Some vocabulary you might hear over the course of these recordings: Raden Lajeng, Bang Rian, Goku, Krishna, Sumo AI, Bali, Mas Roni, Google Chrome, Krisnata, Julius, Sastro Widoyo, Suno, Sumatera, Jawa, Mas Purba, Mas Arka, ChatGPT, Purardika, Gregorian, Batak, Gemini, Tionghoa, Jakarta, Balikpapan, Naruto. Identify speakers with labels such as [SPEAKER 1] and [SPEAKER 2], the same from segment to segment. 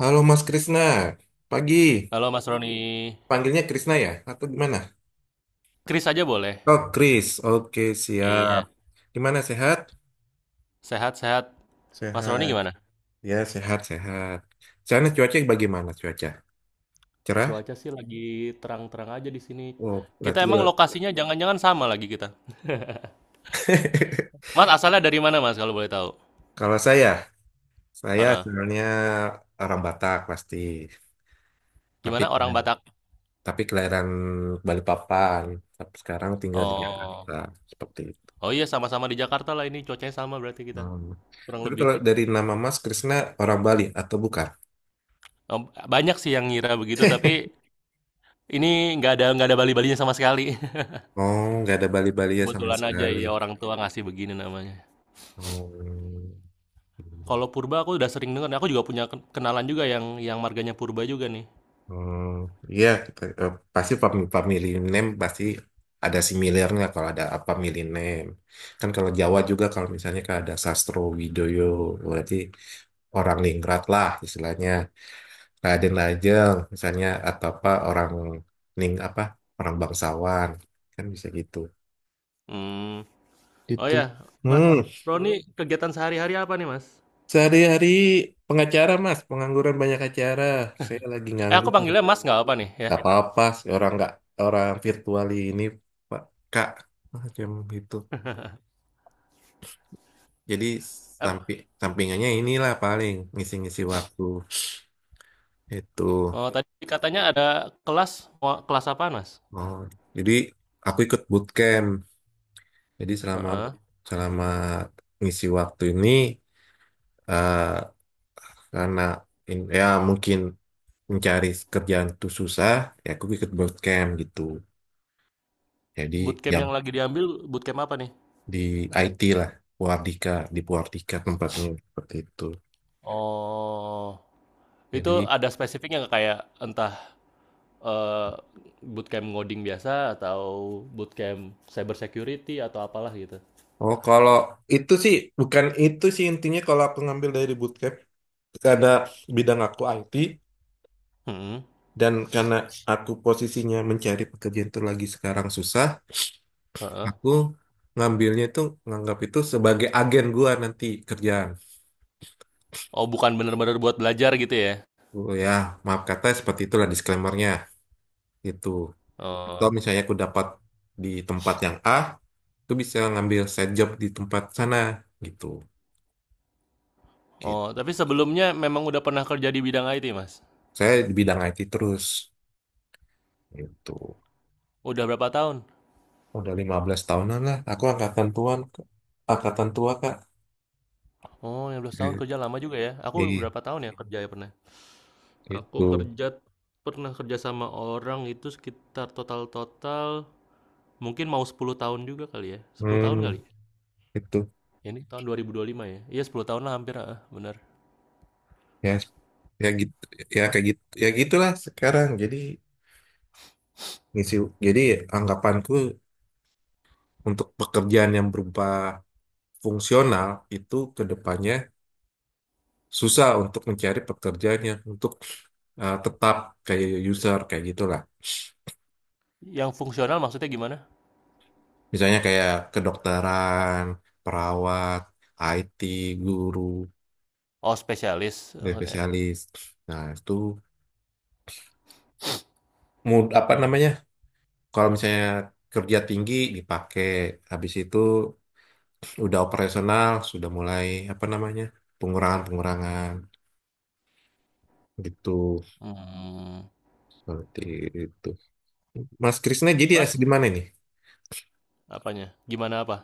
[SPEAKER 1] Halo Mas Krisna, pagi.
[SPEAKER 2] Halo Mas Roni,
[SPEAKER 1] Panggilnya Krisna ya? Atau gimana?
[SPEAKER 2] Kris aja boleh.
[SPEAKER 1] Oh, Kris. Oke, siap.
[SPEAKER 2] Iya,
[SPEAKER 1] Gimana, sehat?
[SPEAKER 2] sehat-sehat. Mas Roni
[SPEAKER 1] Sehat.
[SPEAKER 2] gimana?
[SPEAKER 1] Ya, sehat, sehat. Sana cuaca bagaimana cuaca? Cerah?
[SPEAKER 2] Cuaca sih lagi terang-terang aja di sini.
[SPEAKER 1] Oh,
[SPEAKER 2] Kita
[SPEAKER 1] berarti.
[SPEAKER 2] emang lokasinya jangan-jangan sama lagi kita. Mas asalnya dari mana Mas kalau boleh tahu?
[SPEAKER 1] Kalau saya
[SPEAKER 2] Heeh.
[SPEAKER 1] sebenarnya orang Batak pasti. Tapi
[SPEAKER 2] Gimana orang Batak?
[SPEAKER 1] tapi kelahiran Balikpapan. Tapi sekarang tinggal di
[SPEAKER 2] Oh,
[SPEAKER 1] Jakarta. Seperti itu.
[SPEAKER 2] oh iya sama-sama di Jakarta lah ini cuacanya sama berarti kita
[SPEAKER 1] Hmm.
[SPEAKER 2] kurang
[SPEAKER 1] Tapi
[SPEAKER 2] lebih.
[SPEAKER 1] kalau dari nama Mas Krisna, orang Bali atau bukan?
[SPEAKER 2] Oh, banyak sih yang ngira begitu tapi ini nggak ada bali-balinya sama sekali.
[SPEAKER 1] Oh, nggak ada Bali-Balia sama
[SPEAKER 2] Kebetulan aja
[SPEAKER 1] sekali.
[SPEAKER 2] ya orang tua ngasih begini namanya.
[SPEAKER 1] Oh,
[SPEAKER 2] Kalau purba aku udah sering dengar. Aku juga punya kenalan juga yang marganya purba juga nih.
[SPEAKER 1] oh, iya, pasti family name pasti ada similarnya kalau ada apa family name. Kan kalau Jawa juga kalau misalnya kan ada Sastro Widoyo, berarti orang Ningrat lah istilahnya. Raden Lajeng misalnya atau apa orang Ning apa orang bangsawan kan bisa gitu.
[SPEAKER 2] Hmm, oh
[SPEAKER 1] Gitu.
[SPEAKER 2] ya, Mas
[SPEAKER 1] Hmm.
[SPEAKER 2] Roni kegiatan sehari-hari apa nih, Mas?
[SPEAKER 1] Sehari-hari pengacara mas, pengangguran banyak acara. Saya lagi
[SPEAKER 2] Eh, aku
[SPEAKER 1] nganggur.
[SPEAKER 2] panggilnya Mas nggak apa nih ya?
[SPEAKER 1] Gak apa-apa sih orang nggak orang virtual ini Pak Kak macam itu. Jadi
[SPEAKER 2] Mmm,
[SPEAKER 1] sampi, sampingannya inilah paling ngisi-ngisi waktu itu.
[SPEAKER 2] oh tadi katanya ada kelas, mau kelas apa, Mas?
[SPEAKER 1] Oh, jadi aku ikut bootcamp. Jadi selama
[SPEAKER 2] Heeh,
[SPEAKER 1] selama ngisi waktu ini eh, karena ya mungkin mencari kerjaan itu susah, ya aku ikut bootcamp gitu. Jadi
[SPEAKER 2] bootcamp
[SPEAKER 1] jam
[SPEAKER 2] yang lagi diambil bootcamp apa nih?
[SPEAKER 1] di IT lah Purardika di Purardika tempatnya seperti itu
[SPEAKER 2] Oh, itu
[SPEAKER 1] jadi
[SPEAKER 2] ada spesifiknya nggak kayak entah, eee, bootcamp ngoding biasa atau bootcamp cyber security atau apalah gitu?
[SPEAKER 1] oh kalau itu sih bukan itu sih intinya kalau aku ngambil dari bootcamp karena bidang aku IT
[SPEAKER 2] Hmm,
[SPEAKER 1] dan karena aku posisinya mencari pekerjaan itu lagi sekarang susah
[SPEAKER 2] heeh.
[SPEAKER 1] aku ngambilnya itu nganggap itu sebagai agen gua nanti kerjaan
[SPEAKER 2] Oh bukan bener-bener buat belajar gitu ya?
[SPEAKER 1] oh ya maaf kata seperti itulah disclaimernya itu atau
[SPEAKER 2] Oh,
[SPEAKER 1] misalnya aku dapat di tempat yang A itu bisa ngambil side job di tempat sana gitu.
[SPEAKER 2] oh
[SPEAKER 1] Gitu.
[SPEAKER 2] tapi sebelumnya memang udah pernah kerja di bidang IT, Mas?
[SPEAKER 1] Saya di bidang IT terus gitu.
[SPEAKER 2] Udah berapa tahun?
[SPEAKER 1] Udah 15 tahunan lah. Aku angkatan tua Kak.
[SPEAKER 2] Oh, 15 tahun
[SPEAKER 1] I-
[SPEAKER 2] kerja lama juga ya. Aku
[SPEAKER 1] Iya,
[SPEAKER 2] berapa tahun ya kerja ya pernah? Aku
[SPEAKER 1] itu.
[SPEAKER 2] kerja pernah kerja sama orang itu sekitar total-total mungkin mau 10 tahun juga kali ya. 10 tahun kali.
[SPEAKER 1] Hmm, itu.
[SPEAKER 2] Ini tahun 2025 ya. Iya 10 tahun lah hampir, ah, benar.
[SPEAKER 1] Ya, ya gitu. Ya kayak gitu. Ya gitulah sekarang. Jadi misi jadi anggapanku untuk pekerjaan yang berupa fungsional itu ke depannya susah untuk mencari pekerjaan yang untuk tetap kayak user kayak gitulah.
[SPEAKER 2] Yang fungsional maksudnya gimana?
[SPEAKER 1] Misalnya kayak kedokteran, perawat, IT, guru,
[SPEAKER 2] Oh, spesialis maksudnya.
[SPEAKER 1] spesialis. Nah, itu apa namanya? Kalau misalnya kerja tinggi dipakai, habis itu udah operasional, sudah mulai apa namanya? Pengurangan-pengurangan gitu.
[SPEAKER 2] Hmm.
[SPEAKER 1] Seperti itu. Mas Krisna jadi asli
[SPEAKER 2] Mas,
[SPEAKER 1] di mana nih?
[SPEAKER 2] apanya? Gimana apa?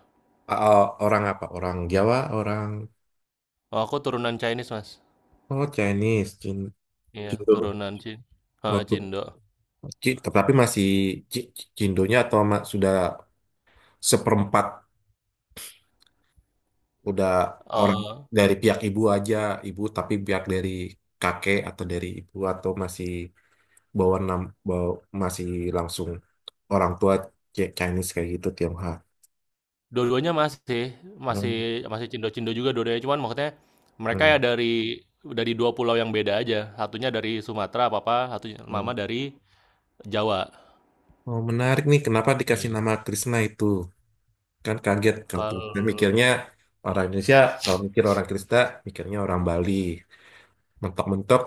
[SPEAKER 1] Orang apa? Orang Jawa, orang
[SPEAKER 2] Oh, aku turunan Chinese, Mas.
[SPEAKER 1] oh Chinese,
[SPEAKER 2] Iya,
[SPEAKER 1] Cindo.
[SPEAKER 2] turunan Cina.
[SPEAKER 1] Oh, tuh.
[SPEAKER 2] Cindo.
[SPEAKER 1] Tapi masih Ci- Cindonya atau sudah seperempat udah orang dari pihak ibu aja ibu tapi pihak dari kakek atau dari ibu atau masih bawa nam bawa, masih langsung orang tua Chinese kayak gitu Tionghoa.
[SPEAKER 2] Dua-duanya masih masih
[SPEAKER 1] Hmm.
[SPEAKER 2] masih cindo-cindo juga dua-duanya, cuman maksudnya mereka ya
[SPEAKER 1] Hmm.
[SPEAKER 2] dari dua pulau yang beda aja. Satunya dari Sumatera papa, satunya
[SPEAKER 1] Hmm.
[SPEAKER 2] mama dari Jawa.
[SPEAKER 1] Oh, menarik nih kenapa dikasih
[SPEAKER 2] Iya.
[SPEAKER 1] nama Krishna itu kan kaget kalau tuh. Saya
[SPEAKER 2] Kalau
[SPEAKER 1] mikirnya orang Indonesia kalau mikir orang Kristen mikirnya orang Bali mentok-mentok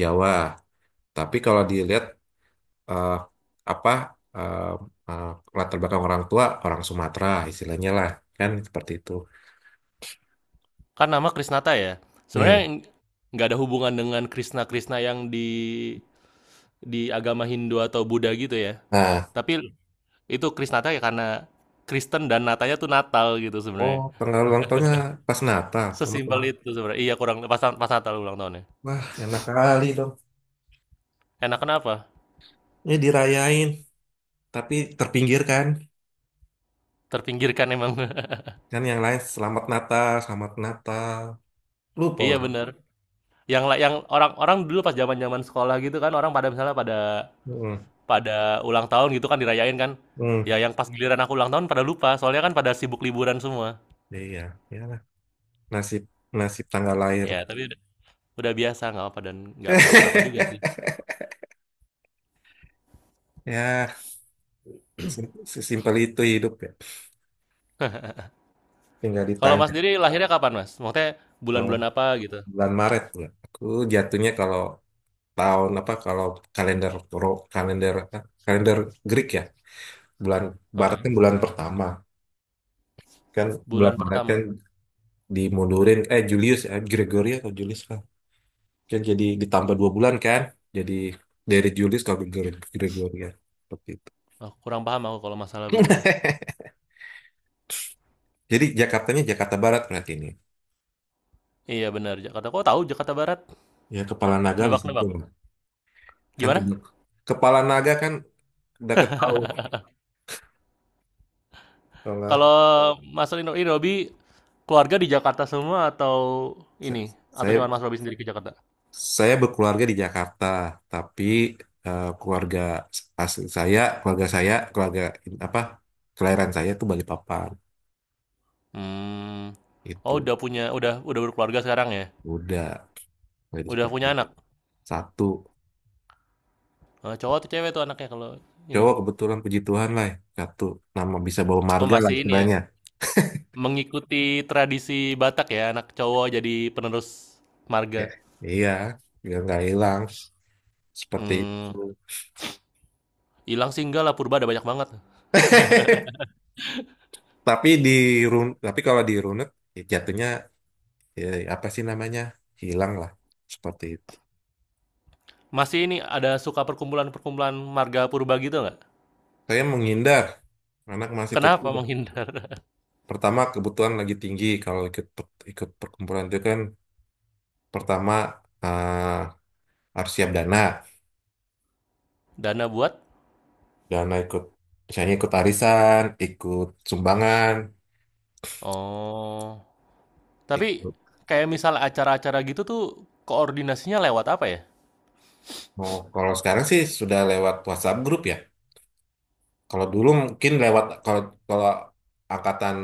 [SPEAKER 1] Jawa tapi kalau dilihat eh, apa eh, eh, latar belakang orang tua orang Sumatera istilahnya lah kan seperti itu.
[SPEAKER 2] kan nama Krisnata ya.
[SPEAKER 1] Hmm.
[SPEAKER 2] Sebenarnya nggak ada hubungan dengan Krishna-Krishna yang di agama Hindu atau Buddha gitu ya.
[SPEAKER 1] Nah,
[SPEAKER 2] Tapi itu Krisnata ya karena Kristen dan Natanya tuh Natal gitu
[SPEAKER 1] oh
[SPEAKER 2] sebenarnya.
[SPEAKER 1] tanggal ulang tahunnya pas Natal sama
[SPEAKER 2] Sesimpel
[SPEAKER 1] tulang.
[SPEAKER 2] itu sebenarnya. Iya kurang pas pas Natal ulang tahunnya.
[SPEAKER 1] Wah, enak kali dong.
[SPEAKER 2] Enak kenapa?
[SPEAKER 1] Ini dirayain, tapi terpinggirkan.
[SPEAKER 2] Terpinggirkan emang.
[SPEAKER 1] Kan Kan yang lain selamat Natal, selamat Natal. Lupa
[SPEAKER 2] Iya
[SPEAKER 1] ulang.
[SPEAKER 2] bener. Yang orang-orang dulu pas zaman-zaman sekolah gitu kan, orang pada misalnya pada
[SPEAKER 1] Hmm.
[SPEAKER 2] pada ulang tahun gitu kan dirayain kan.
[SPEAKER 1] Hmm.
[SPEAKER 2] Ya yang pas giliran aku ulang tahun pada lupa, soalnya kan pada sibuk liburan semua.
[SPEAKER 1] Iya, ya lah. Nasib nasib tanggal lahir.
[SPEAKER 2] Ya, udah biasa nggak apa dan nggak kenapa-napa juga sih.
[SPEAKER 1] Ya, sesimpel itu hidup ya. Tinggal
[SPEAKER 2] Kalau Mas
[SPEAKER 1] ditanya.
[SPEAKER 2] sendiri lahirnya kapan Mas? Maksudnya
[SPEAKER 1] "Oh,
[SPEAKER 2] bulan-bulan apa gitu?
[SPEAKER 1] bulan Maret nggak? Aku jatuhnya kalau tahun apa kalau kalender kalender apa? Kalender Greek ya bulan Maret kan
[SPEAKER 2] Heeh.
[SPEAKER 1] bulan pertama kan bulan
[SPEAKER 2] Bulan
[SPEAKER 1] Maret kan
[SPEAKER 2] pertama.
[SPEAKER 1] dimundurin Julius Gregory atau Julius kan kan jadi ditambah 2 bulan kan jadi dari Julius ke Gregorian seperti itu.
[SPEAKER 2] Oh, kurang paham aku kalau masalah begitu.
[SPEAKER 1] Jadi Jakartanya Jakarta Barat berarti ini
[SPEAKER 2] Iya benar Jakarta. Kok tahu Jakarta Barat?
[SPEAKER 1] ya kepala naga di situ
[SPEAKER 2] Nebak-nebak.
[SPEAKER 1] lah. Kan
[SPEAKER 2] Gimana?
[SPEAKER 1] kepala naga kan udah ketahui kalau nggak-
[SPEAKER 2] Kalau Mas Rino, ini Robi keluarga di Jakarta semua atau ini? Atau
[SPEAKER 1] saya
[SPEAKER 2] cuma Mas Robi sendiri ke Jakarta?
[SPEAKER 1] Saya berkeluarga di Jakarta, tapi eh, keluarga asli saya, keluarga in- apa, kelahiran saya itu Balikpapan.
[SPEAKER 2] Mmm. Oh,
[SPEAKER 1] Itu
[SPEAKER 2] udah udah berkeluarga sekarang ya?
[SPEAKER 1] udah dari
[SPEAKER 2] Udah
[SPEAKER 1] seperti
[SPEAKER 2] punya
[SPEAKER 1] itu.
[SPEAKER 2] anak?
[SPEAKER 1] Satu
[SPEAKER 2] Cowok atau cewek tuh anaknya kalau ini?
[SPEAKER 1] cowok kebetulan puji Tuhan lah ya. Satu nama bisa bawa
[SPEAKER 2] Oh,
[SPEAKER 1] marga lah
[SPEAKER 2] masih ini ya,
[SPEAKER 1] istilahnya.
[SPEAKER 2] mengikuti tradisi Batak ya, anak cowok jadi penerus marga.
[SPEAKER 1] Eh, iya, biar nggak hilang seperti itu.
[SPEAKER 2] Mmm, ilang sih enggak lah, purba ada banyak banget.
[SPEAKER 1] Tapi kalau di runut ya jatuhnya ya, apa sih namanya hilang lah seperti itu.
[SPEAKER 2] Masih ini, ada suka perkumpulan-perkumpulan marga purba gitu nggak?
[SPEAKER 1] Saya menghindar anak masih
[SPEAKER 2] Kenapa
[SPEAKER 1] kecil.
[SPEAKER 2] menghindar?
[SPEAKER 1] Pertama kebutuhan lagi tinggi kalau ikut ikut perkumpulan itu kan pertama eh, harus siap dana
[SPEAKER 2] Dana buat?
[SPEAKER 1] dana ikut misalnya ikut arisan ikut sumbangan
[SPEAKER 2] Oh, tapi
[SPEAKER 1] ikut
[SPEAKER 2] kayak misal acara-acara gitu tuh koordinasinya lewat apa ya?
[SPEAKER 1] oh, kalau sekarang sih sudah lewat WhatsApp grup ya kalau dulu mungkin lewat kalau kalau angkatan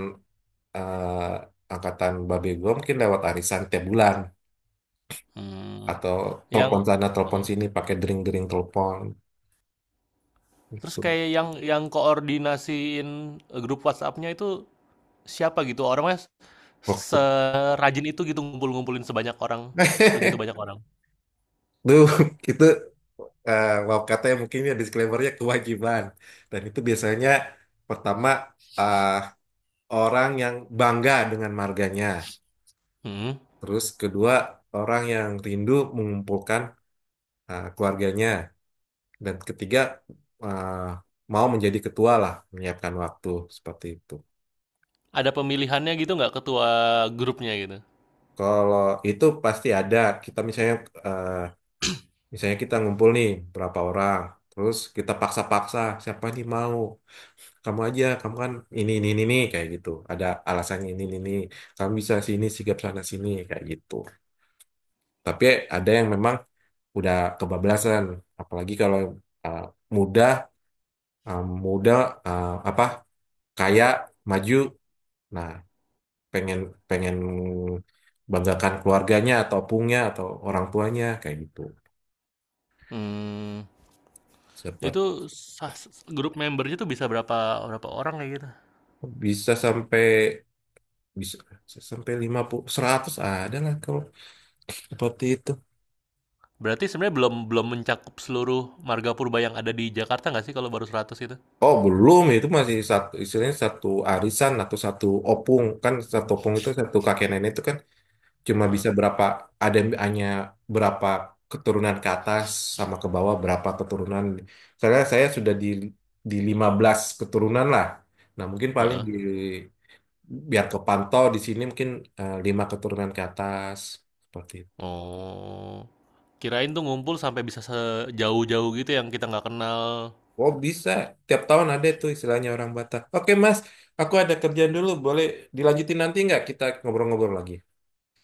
[SPEAKER 1] angkatan babe gue mungkin lewat arisan tiap bulan
[SPEAKER 2] Mmm,
[SPEAKER 1] atau
[SPEAKER 2] yang
[SPEAKER 1] telepon sana telepon
[SPEAKER 2] mhm.
[SPEAKER 1] sini pakai dering-dering telepon
[SPEAKER 2] Terus
[SPEAKER 1] itu.
[SPEAKER 2] kayak yang koordinasiin, grup WhatsApp-nya itu siapa gitu? Orangnya s
[SPEAKER 1] Waktu-
[SPEAKER 2] serajin itu gitu ngumpul-ngumpulin sebanyak orang segitu banyak orang?
[SPEAKER 1] Duh, itu maaf katanya mungkin ya disclaimer-nya kewajiban. Dan itu biasanya pertama ah, orang yang bangga dengan marganya.
[SPEAKER 2] Mhm.
[SPEAKER 1] Terus kedua orang yang rindu mengumpulkan keluarganya. Dan ketiga ah, mau menjadi ketua lah menyiapkan waktu seperti itu.
[SPEAKER 2] Ada pemilihannya gitu nggak ketua grupnya gitu?
[SPEAKER 1] Kalau itu pasti ada. Kita eh, misalnya kita ngumpul nih berapa orang. Terus kita paksa-paksa siapa nih mau. Kamu aja kamu kan ini," kayak gitu ada alasannya ini ini. Kamu bisa sini sigap sana sini kayak gitu tapi ada yang memang udah kebablasan apalagi kalau uh, muda muda apa kaya maju nah pengen pengen banggakan keluarganya atau punya atau orang tuanya kayak gitu
[SPEAKER 2] Mmm,
[SPEAKER 1] seperti
[SPEAKER 2] itu sah s grup membernya tuh bisa berapa berapa orang kayak gitu?
[SPEAKER 1] bisa sampai bisa sampai 50 100 ada lah kalau seperti itu.
[SPEAKER 2] Berarti sebenarnya belum belum mencakup seluruh marga purba yang ada di Jakarta nggak sih kalau baru 100 itu?
[SPEAKER 1] Oh belum itu masih satu istilahnya satu arisan atau satu opung kan satu opung itu satu kakek nenek itu kan cuma
[SPEAKER 2] Heeh,
[SPEAKER 1] bisa berapa ada yang hanya berapa keturunan ke atas sama ke bawah berapa keturunan karena saya sudah di 15 keturunan lah nah mungkin paling
[SPEAKER 2] heeh.
[SPEAKER 1] di biar kepantau di sini mungkin lima keturunan ke atas seperti itu
[SPEAKER 2] Oh, kirain tuh ngumpul sampai bisa sejauh-jauh gitu yang kita nggak kenal.
[SPEAKER 1] oh bisa tiap tahun ada itu istilahnya orang Batak. Oke Mas, aku ada kerjaan dulu, boleh dilanjutin nanti nggak kita ngobrol-ngobrol lagi?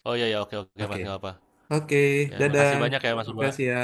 [SPEAKER 2] Oh, iya, ya, oke oke
[SPEAKER 1] Oke,
[SPEAKER 2] Mas, nggak apa.
[SPEAKER 1] oke,
[SPEAKER 2] Ya
[SPEAKER 1] dadah.
[SPEAKER 2] makasih banyak ya Mas
[SPEAKER 1] Makasih
[SPEAKER 2] Purba.
[SPEAKER 1] ya.